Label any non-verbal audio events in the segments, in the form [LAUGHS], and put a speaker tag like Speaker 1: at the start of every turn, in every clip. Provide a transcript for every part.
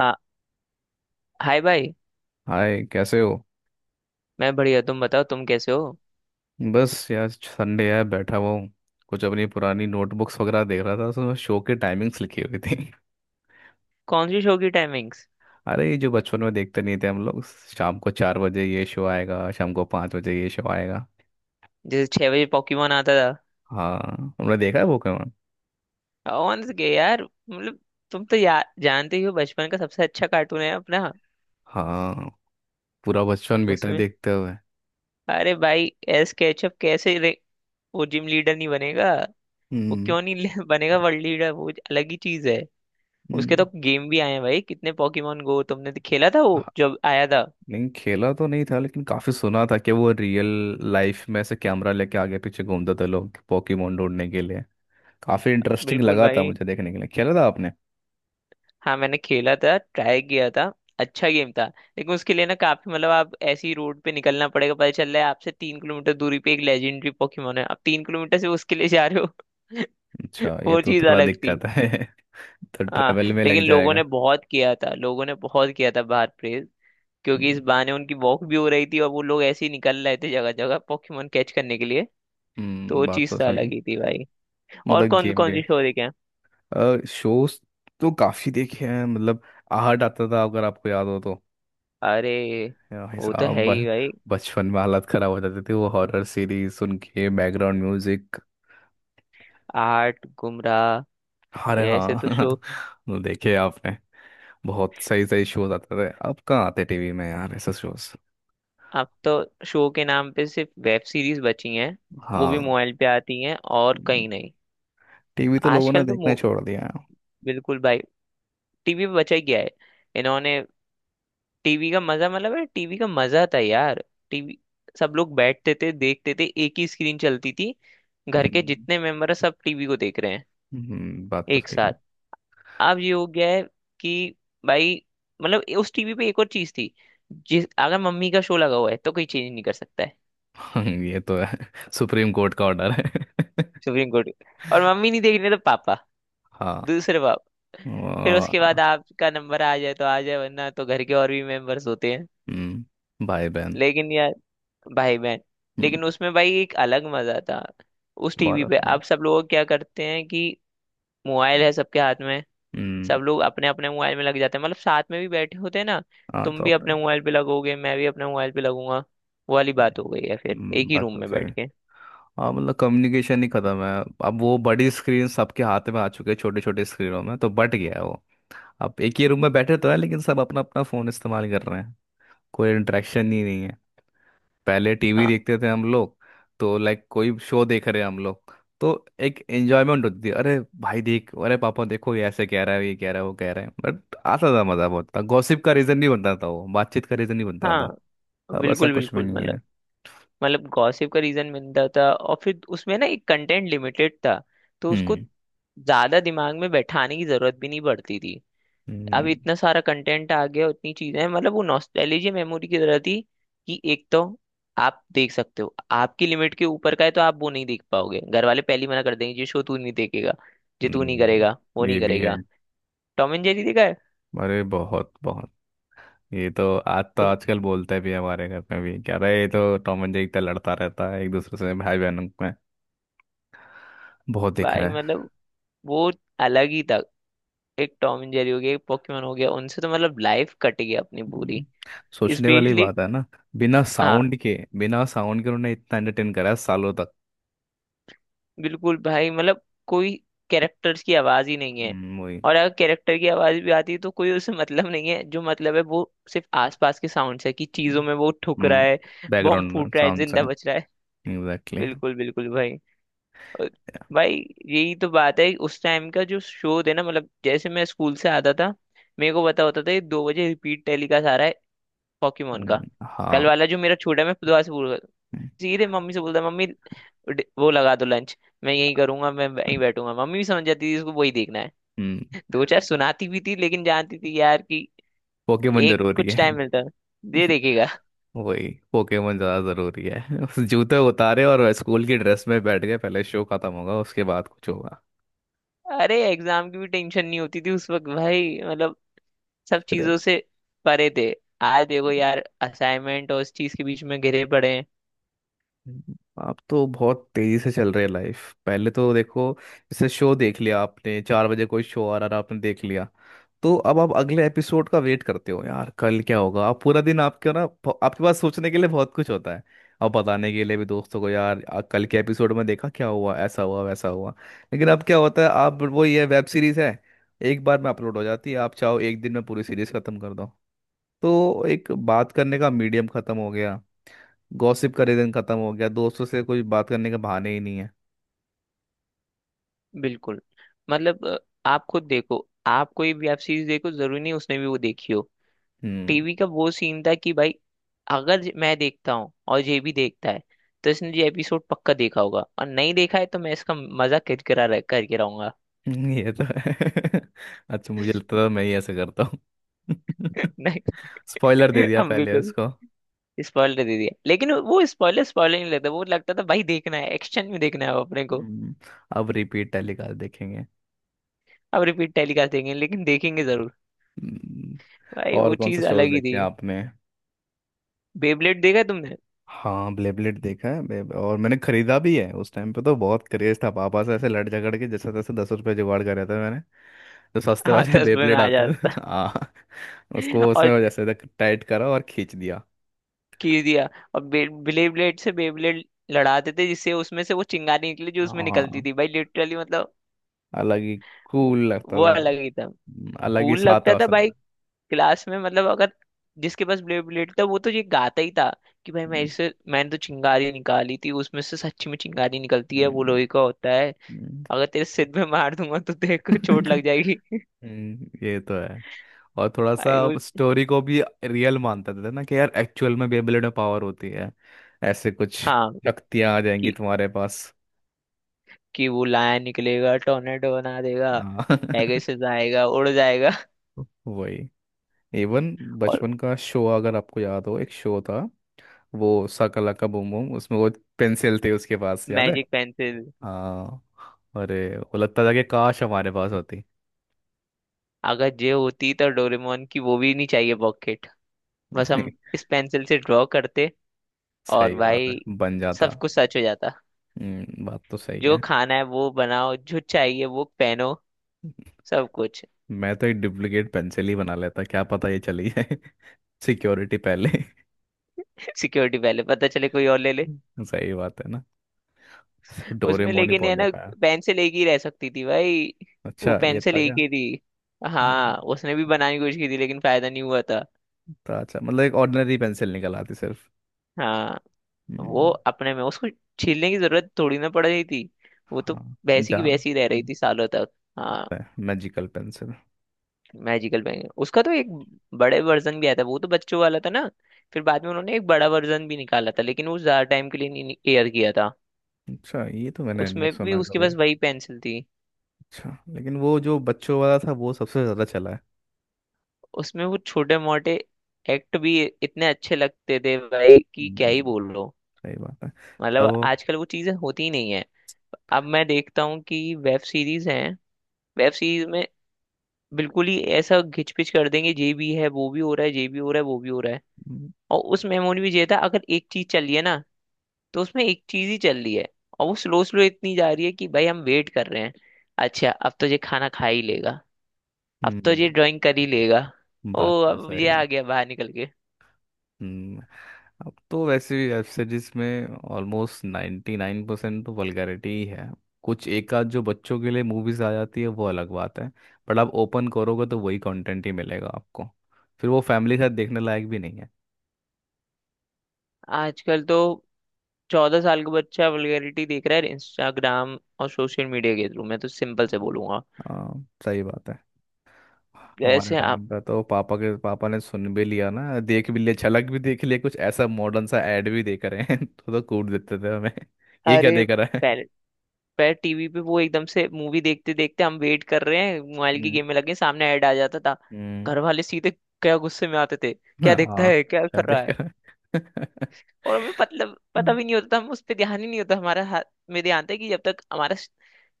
Speaker 1: हाँ। हाय भाई।
Speaker 2: हाय, कैसे हो।
Speaker 1: मैं बढ़िया। तुम बताओ, तुम कैसे हो?
Speaker 2: बस यार, संडे है, बैठा हुआ हूँ। कुछ अपनी पुरानी नोटबुक्स वगैरह देख रहा था, उसमें शो के टाइमिंग्स लिखी हुई थी।
Speaker 1: कौन सी शो की टाइमिंग्स?
Speaker 2: [LAUGHS] अरे ये जो बचपन में देखते नहीं थे हम लोग, शाम को 4 बजे ये शो आएगा, शाम को 5 बजे ये शो आएगा।
Speaker 1: जैसे 6 बजे पॉकीमोन आता था।
Speaker 2: हाँ, हमने देखा है पोकेमॉन।
Speaker 1: कौन से के यार? मतलब तुम तो जानते ही हो, बचपन का सबसे अच्छा कार्टून है अपना।
Speaker 2: हाँ, पूरा बचपन बीता है
Speaker 1: उसमें
Speaker 2: देखते हुए।
Speaker 1: अरे भाई, एस केचप कैसे रे, वो जिम लीडर नहीं बनेगा। वो
Speaker 2: हम्म।
Speaker 1: क्यों नहीं बनेगा वर्ल्ड लीडर, वो अलग ही चीज है। उसके
Speaker 2: हम्म।
Speaker 1: तो गेम भी आए हैं भाई, कितने। पॉकीमोन गो तुमने तो खेला था वो
Speaker 2: हाँ,
Speaker 1: जब आया था।
Speaker 2: नहीं खेला तो नहीं था, लेकिन काफी सुना था कि वो रियल लाइफ में ऐसे कैमरा लेके आगे पीछे घूमते थे लोग पोकेमॉन ढूंढने के लिए। काफी इंटरेस्टिंग
Speaker 1: बिल्कुल
Speaker 2: लगा था
Speaker 1: भाई।
Speaker 2: मुझे, देखने के लिए। खेला था आपने।
Speaker 1: हाँ, मैंने खेला था, ट्राई किया था। अच्छा गेम था, लेकिन उसके लिए ना काफी मतलब आप ऐसी रोड पे निकलना पड़ेगा। पता चल रहा है आपसे 3 किलोमीटर दूरी पे एक लेजेंडरी पोकेमोन है, आप 3 किलोमीटर से उसके लिए जा रहे हो।
Speaker 2: अच्छा,
Speaker 1: [LAUGHS]
Speaker 2: ये
Speaker 1: वो
Speaker 2: तो
Speaker 1: चीज
Speaker 2: थोड़ा
Speaker 1: अलग थी।
Speaker 2: दिक्कत है [LAUGHS] तो
Speaker 1: हाँ,
Speaker 2: ट्रैवल में
Speaker 1: लेकिन
Speaker 2: लग
Speaker 1: लोगों ने
Speaker 2: जाएगा।
Speaker 1: बहुत किया था, लोगों ने बहुत किया था बाहर प्रेज। क्योंकि इस
Speaker 2: हम्म।
Speaker 1: बहाने उनकी वॉक भी हो रही थी और वो लोग ऐसे ही निकल रहे थे जगह जगह पोकेमोन कैच करने के लिए। तो वो
Speaker 2: बात
Speaker 1: चीज
Speaker 2: तो
Speaker 1: तो
Speaker 2: सही है।
Speaker 1: अलग ही थी भाई। और
Speaker 2: मतलब
Speaker 1: कौन
Speaker 2: गेम
Speaker 1: कौन
Speaker 2: भी।
Speaker 1: सी शो देखे हैं?
Speaker 2: शोज तो काफी देखे हैं, मतलब आहट आता था, अगर आपको याद हो तो।
Speaker 1: अरे
Speaker 2: भाई
Speaker 1: वो तो है
Speaker 2: साहब
Speaker 1: ही भाई,
Speaker 2: बचपन में हालत खराब हो जाती थी वो हॉरर सीरीज सुन के, बैकग्राउंड म्यूजिक।
Speaker 1: आर्ट गुमराह।
Speaker 2: अरे
Speaker 1: ये ऐसे तो शो।
Speaker 2: हाँ। [LAUGHS] वो देखे आपने। बहुत सही सही शोज आते थे, अब कहाँ आते टीवी में यार ऐसे शोज।
Speaker 1: अब तो शो के नाम पे सिर्फ वेब सीरीज बची हैं। वो भी
Speaker 2: हाँ।
Speaker 1: मोबाइल पे आती हैं और कहीं नहीं।
Speaker 2: टीवी तो लोगों ने
Speaker 1: आजकल तो
Speaker 2: देखना छोड़ दिया है।
Speaker 1: बिल्कुल भाई, टीवी पे बचा ही गया है इन्होंने। टीवी का मजा मतलब है, टीवी का मजा था यार। टीवी। सब लोग बैठते थे, देखते थे, एक ही स्क्रीन चलती थी। घर के
Speaker 2: हम्म।
Speaker 1: जितने मेंबर है सब टीवी को देख रहे हैं
Speaker 2: बात तो
Speaker 1: एक
Speaker 2: सही है।
Speaker 1: साथ। अब ये हो गया है कि भाई, मतलब उस टीवी पे एक और चीज थी, जिस अगर मम्मी का शो लगा हुआ है तो कोई चेंज नहीं कर सकता है।
Speaker 2: [LAUGHS] ये तो है, सुप्रीम कोर्ट का ऑर्डर है [LAUGHS]
Speaker 1: सुप्रीम कोर्ट। और मम्मी नहीं देख रही है तो पापा,
Speaker 2: हाँ।
Speaker 1: दूसरे बाप। फिर उसके
Speaker 2: वो-।
Speaker 1: बाद आपका नंबर आ जाए तो आ जाए, वरना तो घर के और भी मेंबर्स होते हैं।
Speaker 2: हम्म, भाई बहन।
Speaker 1: लेकिन यार, भाई बहन।
Speaker 2: हम्म।
Speaker 1: लेकिन उसमें भाई एक अलग मजा था उस
Speaker 2: बहुत
Speaker 1: टीवी पे।
Speaker 2: अपना।
Speaker 1: अब सब लोग क्या करते हैं कि मोबाइल है सबके हाथ में,
Speaker 2: हम्म।
Speaker 1: सब लोग अपने अपने मोबाइल में लग जाते हैं, मतलब साथ में भी बैठे होते हैं ना।
Speaker 2: हाँ
Speaker 1: तुम
Speaker 2: तो
Speaker 1: भी अपने
Speaker 2: अपना।
Speaker 1: मोबाइल पे लगोगे, मैं भी अपने मोबाइल पे लगूंगा, वो वाली बात हो गई है फिर एक ही
Speaker 2: बात
Speaker 1: रूम
Speaker 2: तो
Speaker 1: में
Speaker 2: सही
Speaker 1: बैठ
Speaker 2: है।
Speaker 1: के।
Speaker 2: हाँ मतलब कम्युनिकेशन ही खत्म है। अब वो बड़ी स्क्रीन सबके हाथ में आ चुके हैं, छोटे छोटे स्क्रीनों में तो बट गया है वो। अब एक ही रूम में बैठे तो है, लेकिन सब अपना अपना फोन इस्तेमाल कर रहे हैं। कोई इंटरेक्शन ही नहीं। पहले टीवी
Speaker 1: हाँ,
Speaker 2: देखते थे हम लोग, तो लाइक कोई शो देख रहे हैं हम लोग, तो एक एंजॉयमेंट होती थी। अरे भाई देख, अरे पापा देखो, ये ऐसे कह रहा है, ये कह रहा है, वो कह रहा है। बट आता था मज़ा बहुत, था गॉसिप का रीज़न, नहीं बनता था वो बातचीत का रीज़न, नहीं बनता था।
Speaker 1: हाँ,
Speaker 2: अब ऐसा
Speaker 1: बिल्कुल,
Speaker 2: कुछ भी
Speaker 1: बिल्कुल,
Speaker 2: नहीं
Speaker 1: मतलब
Speaker 2: है।
Speaker 1: मतलब गॉसिप का रीजन मिलता था, और फिर उसमें ना एक कंटेंट लिमिटेड था। तो उसको
Speaker 2: हम्म।
Speaker 1: ज्यादा दिमाग में बैठाने की जरूरत भी नहीं पड़ती थी। अब
Speaker 2: हम्म।
Speaker 1: इतना सारा कंटेंट आ गया, उतनी चीजें हैं, मतलब वो नॉस्टैल्जिया मेमोरी की तरह थी। कि एक तो आप देख सकते हो, आपकी लिमिट के ऊपर का है तो आप वो नहीं देख पाओगे, घर वाले पहले ही मना कर देंगे ये शो तू नहीं देखेगा। ये तू नहीं करेगा, वो
Speaker 2: ये
Speaker 1: नहीं
Speaker 2: भी है।
Speaker 1: करेगा। टॉम एंड जेरी देखा है?
Speaker 2: अरे बहुत बहुत। ये तो आज, तो
Speaker 1: उस-
Speaker 2: आजकल बोलते भी हैं हमारे घर में भी क्या रहा है ये, तो टॉम एंड जेरी इतना लड़ता रहता है एक दूसरे से, भाई बहनों में। बहुत देखा
Speaker 1: भाई
Speaker 2: है।
Speaker 1: मतलब वो अलग ही था। एक टॉम एंड जेरी हो गया, एक पोकेमोन हो गया, उनसे तो मतलब लाइफ कट गई अपनी पूरी।
Speaker 2: हम्म, सोचने वाली
Speaker 1: स्पेशली।
Speaker 2: बात है ना। बिना
Speaker 1: हाँ,
Speaker 2: साउंड के, बिना साउंड के उन्होंने इतना एंटरटेन करा है सालों तक।
Speaker 1: बिल्कुल भाई, मतलब कोई कैरेक्टर्स की आवाज ही नहीं है।
Speaker 2: वही।
Speaker 1: और अगर कैरेक्टर की आवाज भी आती है तो कोई उससे मतलब नहीं है, जो मतलब है वो सिर्फ आसपास के साउंड है कि चीजों में वो ठुक रहा
Speaker 2: हम्म,
Speaker 1: है। बॉम्ब
Speaker 2: बैकग्राउंड
Speaker 1: फूट रहा है,
Speaker 2: साउंड से।
Speaker 1: जिंदा बच रहा है।
Speaker 2: एग्जैक्टली।
Speaker 1: बिल्कुल, बिल्कुल भाई। और भाई यही तो बात है उस टाइम का, जो शो थे ना, मतलब जैसे मैं स्कूल से आता था। मेरे को पता होता था ये 2 बजे रिपीट टेलीकास्ट आ रहा है, पॉकीमोन का।
Speaker 2: हाँ।
Speaker 1: कल वाला जो मेरा छोटा, मैं दोबारा से सीधे मम्मी से बोलता मम्मी, वो लगा दो लंच। मैं यही करूंगा, मैं यहीं बैठूंगा, मम्मी भी समझ जाती थी इसको वही देखना है।
Speaker 2: हम्म,
Speaker 1: दो चार सुनाती भी थी, लेकिन जानती थी यार कि
Speaker 2: पोकेमोन
Speaker 1: एक
Speaker 2: जरूरी
Speaker 1: कुछ
Speaker 2: है।
Speaker 1: टाइम मिलता है, दे
Speaker 2: [LAUGHS]
Speaker 1: देखेगा।
Speaker 2: वही, पोकेमोन ज्यादा जरूरी है। उस, जूते उतारे और स्कूल की ड्रेस में बैठ गए, पहले शो खत्म होगा उसके बाद कुछ होगा।
Speaker 1: अरे, एग्जाम की भी टेंशन नहीं होती थी उस वक्त भाई, मतलब सब चीजों से परे थे। आज देखो यार, असाइनमेंट और इस चीज के बीच में घिरे पड़े हैं।
Speaker 2: आप तो बहुत तेजी से चल रहे हैं लाइफ, पहले तो देखो, जैसे शो देख लिया आपने, 4 बजे कोई शो आ रहा था आपने देख लिया, तो अब आप अगले एपिसोड का वेट करते हो यार कल क्या होगा। आप पूरा दिन, आपके ना, आपके पास सोचने के लिए बहुत कुछ होता है। और बताने के लिए भी दोस्तों को यार, कल के एपिसोड में देखा क्या हुआ, ऐसा हुआ वैसा हुआ। लेकिन अब क्या होता है, आप वो, ये वेब सीरीज है, एक बार में अपलोड हो जाती है, आप चाहो एक दिन में पूरी सीरीज खत्म कर दो। तो एक बात करने का मीडियम खत्म हो गया, गॉसिप का रीजन खत्म हो गया, दोस्तों से कोई बात करने का बहाने ही नहीं है।
Speaker 1: बिल्कुल, मतलब आप खुद देखो, आप कोई भी आप चीज देखो, जरूरी नहीं उसने भी वो देखी हो।
Speaker 2: हम्म।
Speaker 1: टीवी का वो सीन था कि भाई, अगर मैं देखता हूँ और ये भी देखता है। तो इसने ये एपिसोड पक्का देखा होगा, और नहीं देखा है तो मैं इसका मजा किरकिरा करके रहूंगा।
Speaker 2: [LAUGHS] ये तो है [LAUGHS] अच्छा, मुझे लगता था मैं ही ऐसे करता हूँ।
Speaker 1: [LAUGHS] नहीं।
Speaker 2: [LAUGHS] स्पॉइलर दे दिया
Speaker 1: हम
Speaker 2: पहले
Speaker 1: बिल्कुल
Speaker 2: उसको।
Speaker 1: स्पॉइलर दे दिया, लेकिन वो स्पॉइलर स्पॉइलर नहीं लगता, वो लगता था भाई देखना है, एक्शन में देखना है अब अपने को।
Speaker 2: हम्म, अब रिपीट टेलीकास्ट देखेंगे।
Speaker 1: अब रिपीट टेलीकास्ट देंगे, लेकिन देखेंगे जरूर।
Speaker 2: हम्म,
Speaker 1: भाई
Speaker 2: और
Speaker 1: वो
Speaker 2: कौन से
Speaker 1: चीज अलग
Speaker 2: शोज
Speaker 1: ही
Speaker 2: देखे
Speaker 1: थी।
Speaker 2: आपने।
Speaker 1: बेबलेट देखा है तुमने?
Speaker 2: हाँ ब्लेबलेट देखा है। और मैंने खरीदा भी है, उस टाइम पे तो बहुत क्रेज था, पापा से ऐसे लड़ झगड़ के जैसे तैसे 10 रुपये जुगाड़ कर रहा था मैंने, तो सस्ते
Speaker 1: हाँ,
Speaker 2: वाले [LAUGHS]
Speaker 1: 10 रुपये में
Speaker 2: बेबलेट
Speaker 1: आ
Speaker 2: आता है
Speaker 1: जाता
Speaker 2: हाँ।
Speaker 1: था। [LAUGHS]
Speaker 2: उसको
Speaker 1: और
Speaker 2: उसमें जैसे तक टाइट करा और खींच दिया।
Speaker 1: खींच दिया और ब्लेड ब्लेड से बेब्लेड लड़ाते थे, जिससे उसमें से वो चिंगारी निकली, जो उसमें निकलती
Speaker 2: हाँ।
Speaker 1: थी भाई, लिटरली मतलब।
Speaker 2: अलग ही,
Speaker 1: वो
Speaker 2: कूल लगता
Speaker 1: वो
Speaker 2: था।
Speaker 1: अलग ही था।
Speaker 2: अलग ही
Speaker 1: कूल
Speaker 2: साथ है
Speaker 1: लगता था
Speaker 2: असल में।
Speaker 1: भाई, क्लास में मतलब अगर जिसके पास ब्लेड ब्लेड था वो तो ये गाता ही था। कि भाई,
Speaker 2: हम्म।
Speaker 1: मैंने तो चिंगारी निकाली थी उसमें से, सच्ची में चिंगारी निकलती है, वो
Speaker 2: हम्म।
Speaker 1: लोहे का होता है।
Speaker 2: हम्म।
Speaker 1: अगर तेरे सिर में मार दूंगा तो तेरे को चोट लग जाएगी। [LAUGHS]
Speaker 2: [LAUGHS] ये तो है। और थोड़ा सा
Speaker 1: भाई वो,
Speaker 2: स्टोरी को भी रियल मानता था ना, कि यार एक्चुअल में बेबलेट में पावर होती है, ऐसे कुछ
Speaker 1: हाँ,
Speaker 2: शक्तियां आ जाएंगी
Speaker 1: कि,
Speaker 2: तुम्हारे पास।
Speaker 1: कि वो लाया निकलेगा, टोर्नेडो बना देगा।
Speaker 2: हाँ [LAUGHS]
Speaker 1: पेगासस आएगा, उड़ जाएगा।
Speaker 2: वही। इवन बचपन
Speaker 1: [LAUGHS]
Speaker 2: का शो, अगर आपको याद हो, एक शो था वो, साका लाका बूम बूम, उसमें वो पेंसिल थे उसके पास, याद है।
Speaker 1: Magic pencil.
Speaker 2: हाँ। अरे, वो लगता था कि काश हमारे पास होती।
Speaker 1: अगर जे होती तो डोरेमोन की वो भी नहीं चाहिए, पॉकेट। बस हम
Speaker 2: [LAUGHS]
Speaker 1: इस पेंसिल से ड्रॉ करते और
Speaker 2: सही बात है,
Speaker 1: भाई
Speaker 2: बन जाता।
Speaker 1: सब कुछ सच हो जाता।
Speaker 2: बात तो सही
Speaker 1: जो
Speaker 2: है।
Speaker 1: खाना है वो बनाओ, जो चाहिए वो पहनो, सब कुछ।
Speaker 2: मैं तो एक डुप्लीकेट पेंसिल ही बना लेता, क्या पता ये चली जाए। [LAUGHS] सिक्योरिटी पहले।
Speaker 1: [LAUGHS] सिक्योरिटी पहले, पता चले कोई और ले ले।
Speaker 2: [LAUGHS] सही बात है ना।
Speaker 1: उसमें
Speaker 2: डोरेमोन ही
Speaker 1: लेकिन
Speaker 2: बहुत
Speaker 1: है ना,
Speaker 2: देखा है।
Speaker 1: पेंसिल एक ही रह सकती थी भाई। वो
Speaker 2: अच्छा, ये
Speaker 1: पेंसिल
Speaker 2: था
Speaker 1: एक
Speaker 2: क्या।
Speaker 1: ही थी।
Speaker 2: हाँ।
Speaker 1: हाँ, उसने भी बनाने की कोशिश की थी लेकिन फायदा नहीं हुआ था।
Speaker 2: तो अच्छा, मतलब एक ऑर्डिनरी पेंसिल निकल आती सिर्फ।
Speaker 1: हाँ, वो
Speaker 2: हम्म,
Speaker 1: अपने में उसको छीलने की जरूरत थोड़ी ना पड़ रही थी। वो तो
Speaker 2: हाँ।
Speaker 1: वैसी की
Speaker 2: जा,
Speaker 1: वैसी रह रही थी सालों तक। हाँ,
Speaker 2: मैजिकल पेंसिल।
Speaker 1: मैजिकल बैंगन, उसका तो एक बड़े वर्जन भी आया था, वो तो बच्चों वाला था ना। फिर बाद में उन्होंने एक बड़ा वर्जन भी निकाला था, लेकिन वो ज्यादा टाइम के लिए नहीं एयर किया था।
Speaker 2: अच्छा, ये तो मैंने नहीं
Speaker 1: उसमें भी
Speaker 2: सुना
Speaker 1: उसके
Speaker 2: कभी।
Speaker 1: पास वही पेंसिल थी।
Speaker 2: अच्छा, लेकिन वो जो बच्चों वाला था वो सबसे ज़्यादा चला।
Speaker 1: उसमें वो छोटे मोटे एक्ट भी इतने अच्छे लगते थे भाई कि क्या ही
Speaker 2: हम्म,
Speaker 1: बोल लो।
Speaker 2: सही बात है।
Speaker 1: मतलब
Speaker 2: तो,
Speaker 1: आजकल वो चीजें होती ही नहीं है। अब मैं देखता हूँ कि वेब सीरीज हैं, वेब सीरीज में बिल्कुल ही ऐसा घिचपिच कर देंगे, ये भी है, वो भी हो रहा है, ये भी हो रहा है, वो भी हो रहा है। और उस मेमोरी में ये था अगर एक चीज चल रही है ना, तो उसमें एक चीज ही चल रही है। और वो स्लो स्लो इतनी जा रही है कि भाई हम वेट कर रहे हैं। अच्छा, अब तो ये खाना खा ही लेगा, अब तो
Speaker 2: हम्म,
Speaker 1: ये ड्राइंग कर ही लेगा, ओ
Speaker 2: बात तो
Speaker 1: अब
Speaker 2: सही
Speaker 1: ये
Speaker 2: है।
Speaker 1: आ गया बाहर निकल के।
Speaker 2: हम्म, अब तो वैसे भी वेब सीरीज में ऑलमोस्ट 99% तो वल्गैरिटी ही है। कुछ एक आध जो बच्चों के लिए मूवीज आ जाती है वो अलग बात है, बट आप ओपन करोगे तो वही कंटेंट ही मिलेगा आपको, फिर वो फैमिली के साथ देखने लायक भी नहीं है।
Speaker 1: आजकल तो 14 साल का बच्चा वल्गैरिटी देख रहा है इंस्टाग्राम और सोशल मीडिया के थ्रू, मैं तो सिंपल से
Speaker 2: हम्म,
Speaker 1: बोलूंगा।
Speaker 2: हाँ सही बात है। हमारे
Speaker 1: जैसे आप,
Speaker 2: टाइम पे तो पापा के, पापा ने सुन भी लिया ना, देख भी लिया, झलक भी देख लिया, कुछ ऐसा मॉडर्न सा ऐड भी देख रहे हैं [LAUGHS] तो कूट देते थे हमें। [LAUGHS] ये क्या
Speaker 1: अरे,
Speaker 2: देख रहा है।
Speaker 1: पहले पर टीवी पे वो एकदम से मूवी देखते देखते, हम वेट कर रहे हैं मोबाइल की
Speaker 2: हम्म।
Speaker 1: गेम में लगे, सामने ऐड आ जाता था।
Speaker 2: हम्म।
Speaker 1: घर वाले सीधे क्या गुस्से में आते थे,
Speaker 2: [LAUGHS]
Speaker 1: क्या देखता
Speaker 2: हाँ,
Speaker 1: है, क्या
Speaker 2: क्या
Speaker 1: कर रहा
Speaker 2: देख
Speaker 1: है।
Speaker 2: रहा है [LAUGHS]
Speaker 1: और हमें मतलब पता भी नहीं होता था, हम उस पर ध्यान ही नहीं होता, हमारा हाथ में ध्यान था कि जब तक हमारा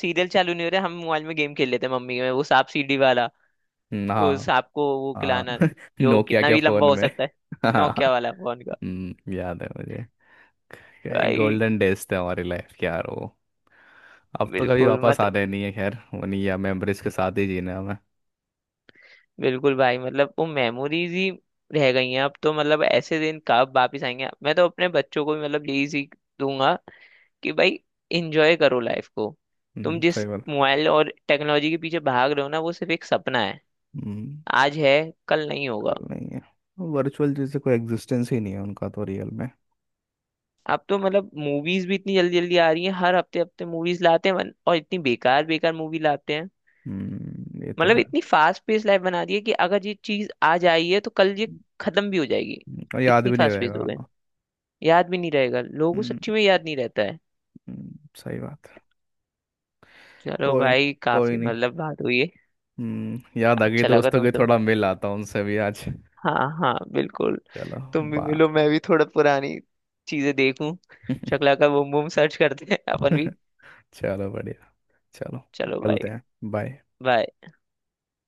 Speaker 1: सीरियल चालू नहीं हो रहा, हम मोबाइल में गेम खेल लेते हैं मम्मी में, वो सांप सीढ़ी वाला। वो
Speaker 2: हाँ।
Speaker 1: सांप को वो
Speaker 2: हाँ
Speaker 1: खिलाना,
Speaker 2: [LAUGHS]
Speaker 1: जो
Speaker 2: नोकिया
Speaker 1: कितना
Speaker 2: के
Speaker 1: भी लंबा
Speaker 2: फोन
Speaker 1: हो
Speaker 2: में
Speaker 1: सकता है,
Speaker 2: [LAUGHS] हाँ।
Speaker 1: नोकिया वाला फोन का।
Speaker 2: याद है मुझे। क्या
Speaker 1: भाई।
Speaker 2: गोल्डन डेज थे हमारी लाइफ के यार वो। अब तो कभी
Speaker 1: बिल्कुल
Speaker 2: वापस
Speaker 1: मत
Speaker 2: आने नहीं है, खैर वो नहीं है, मेमोरीज के साथ ही जीना है हमें।
Speaker 1: बिल्कुल भाई, मतलब वो मेमोरीज ही रह गई हैं। अब तो मतलब ऐसे दिन कब वापिस आएंगे? मैं तो अपने बच्चों को भी मतलब यही सीख दूंगा कि भाई एंजॉय करो लाइफ को। तुम जिस
Speaker 2: सही बात।
Speaker 1: मोबाइल और टेक्नोलॉजी के पीछे भाग रहे हो ना, वो सिर्फ एक सपना है,
Speaker 2: हम्म।
Speaker 1: आज है कल नहीं होगा।
Speaker 2: चल नहीं है, वर्चुअल जैसे, कोई एग्जिस्टेंस ही नहीं है उनका तो रियल में।
Speaker 1: अब तो मतलब मूवीज भी इतनी जल्दी जल्दी आ रही हैं, हर हफ्ते हफ्ते मूवीज लाते हैं, और इतनी बेकार बेकार मूवी लाते हैं।
Speaker 2: हम्म। ये तो
Speaker 1: मतलब
Speaker 2: है।
Speaker 1: इतनी फास्ट पेस लाइफ बना दी है कि अगर ये चीज आज आई है तो कल ये
Speaker 2: हम्म,
Speaker 1: खत्म भी हो जाएगी।
Speaker 2: और याद
Speaker 1: इतनी
Speaker 2: भी नहीं
Speaker 1: फास्ट पेस हो
Speaker 2: रहेगा।
Speaker 1: गए, याद भी नहीं रहेगा लोगों को,
Speaker 2: हम्म।
Speaker 1: सच्ची में याद नहीं रहता है।
Speaker 2: सही बात है।
Speaker 1: चलो
Speaker 2: कोई,
Speaker 1: भाई,
Speaker 2: कोई
Speaker 1: काफी
Speaker 2: नहीं।
Speaker 1: मतलब बात हुई है,
Speaker 2: हम्म, याद आ गई,
Speaker 1: अच्छा लगा
Speaker 2: दोस्तों के
Speaker 1: तुमसे।
Speaker 2: थोड़ा मिल आता हूँ उनसे भी आज।
Speaker 1: हाँ, हाँ, बिल्कुल,
Speaker 2: चलो।
Speaker 1: तुम भी
Speaker 2: बा
Speaker 1: मिलो, मैं भी थोड़ा पुरानी चीजें देखूं।
Speaker 2: [LAUGHS]
Speaker 1: शक्ला का बूम बूम सर्च करते हैं अपन भी।
Speaker 2: चलो बढ़िया, चलो,
Speaker 1: चलो
Speaker 2: मिलते
Speaker 1: भाई,
Speaker 2: हैं। बाय।
Speaker 1: बाय।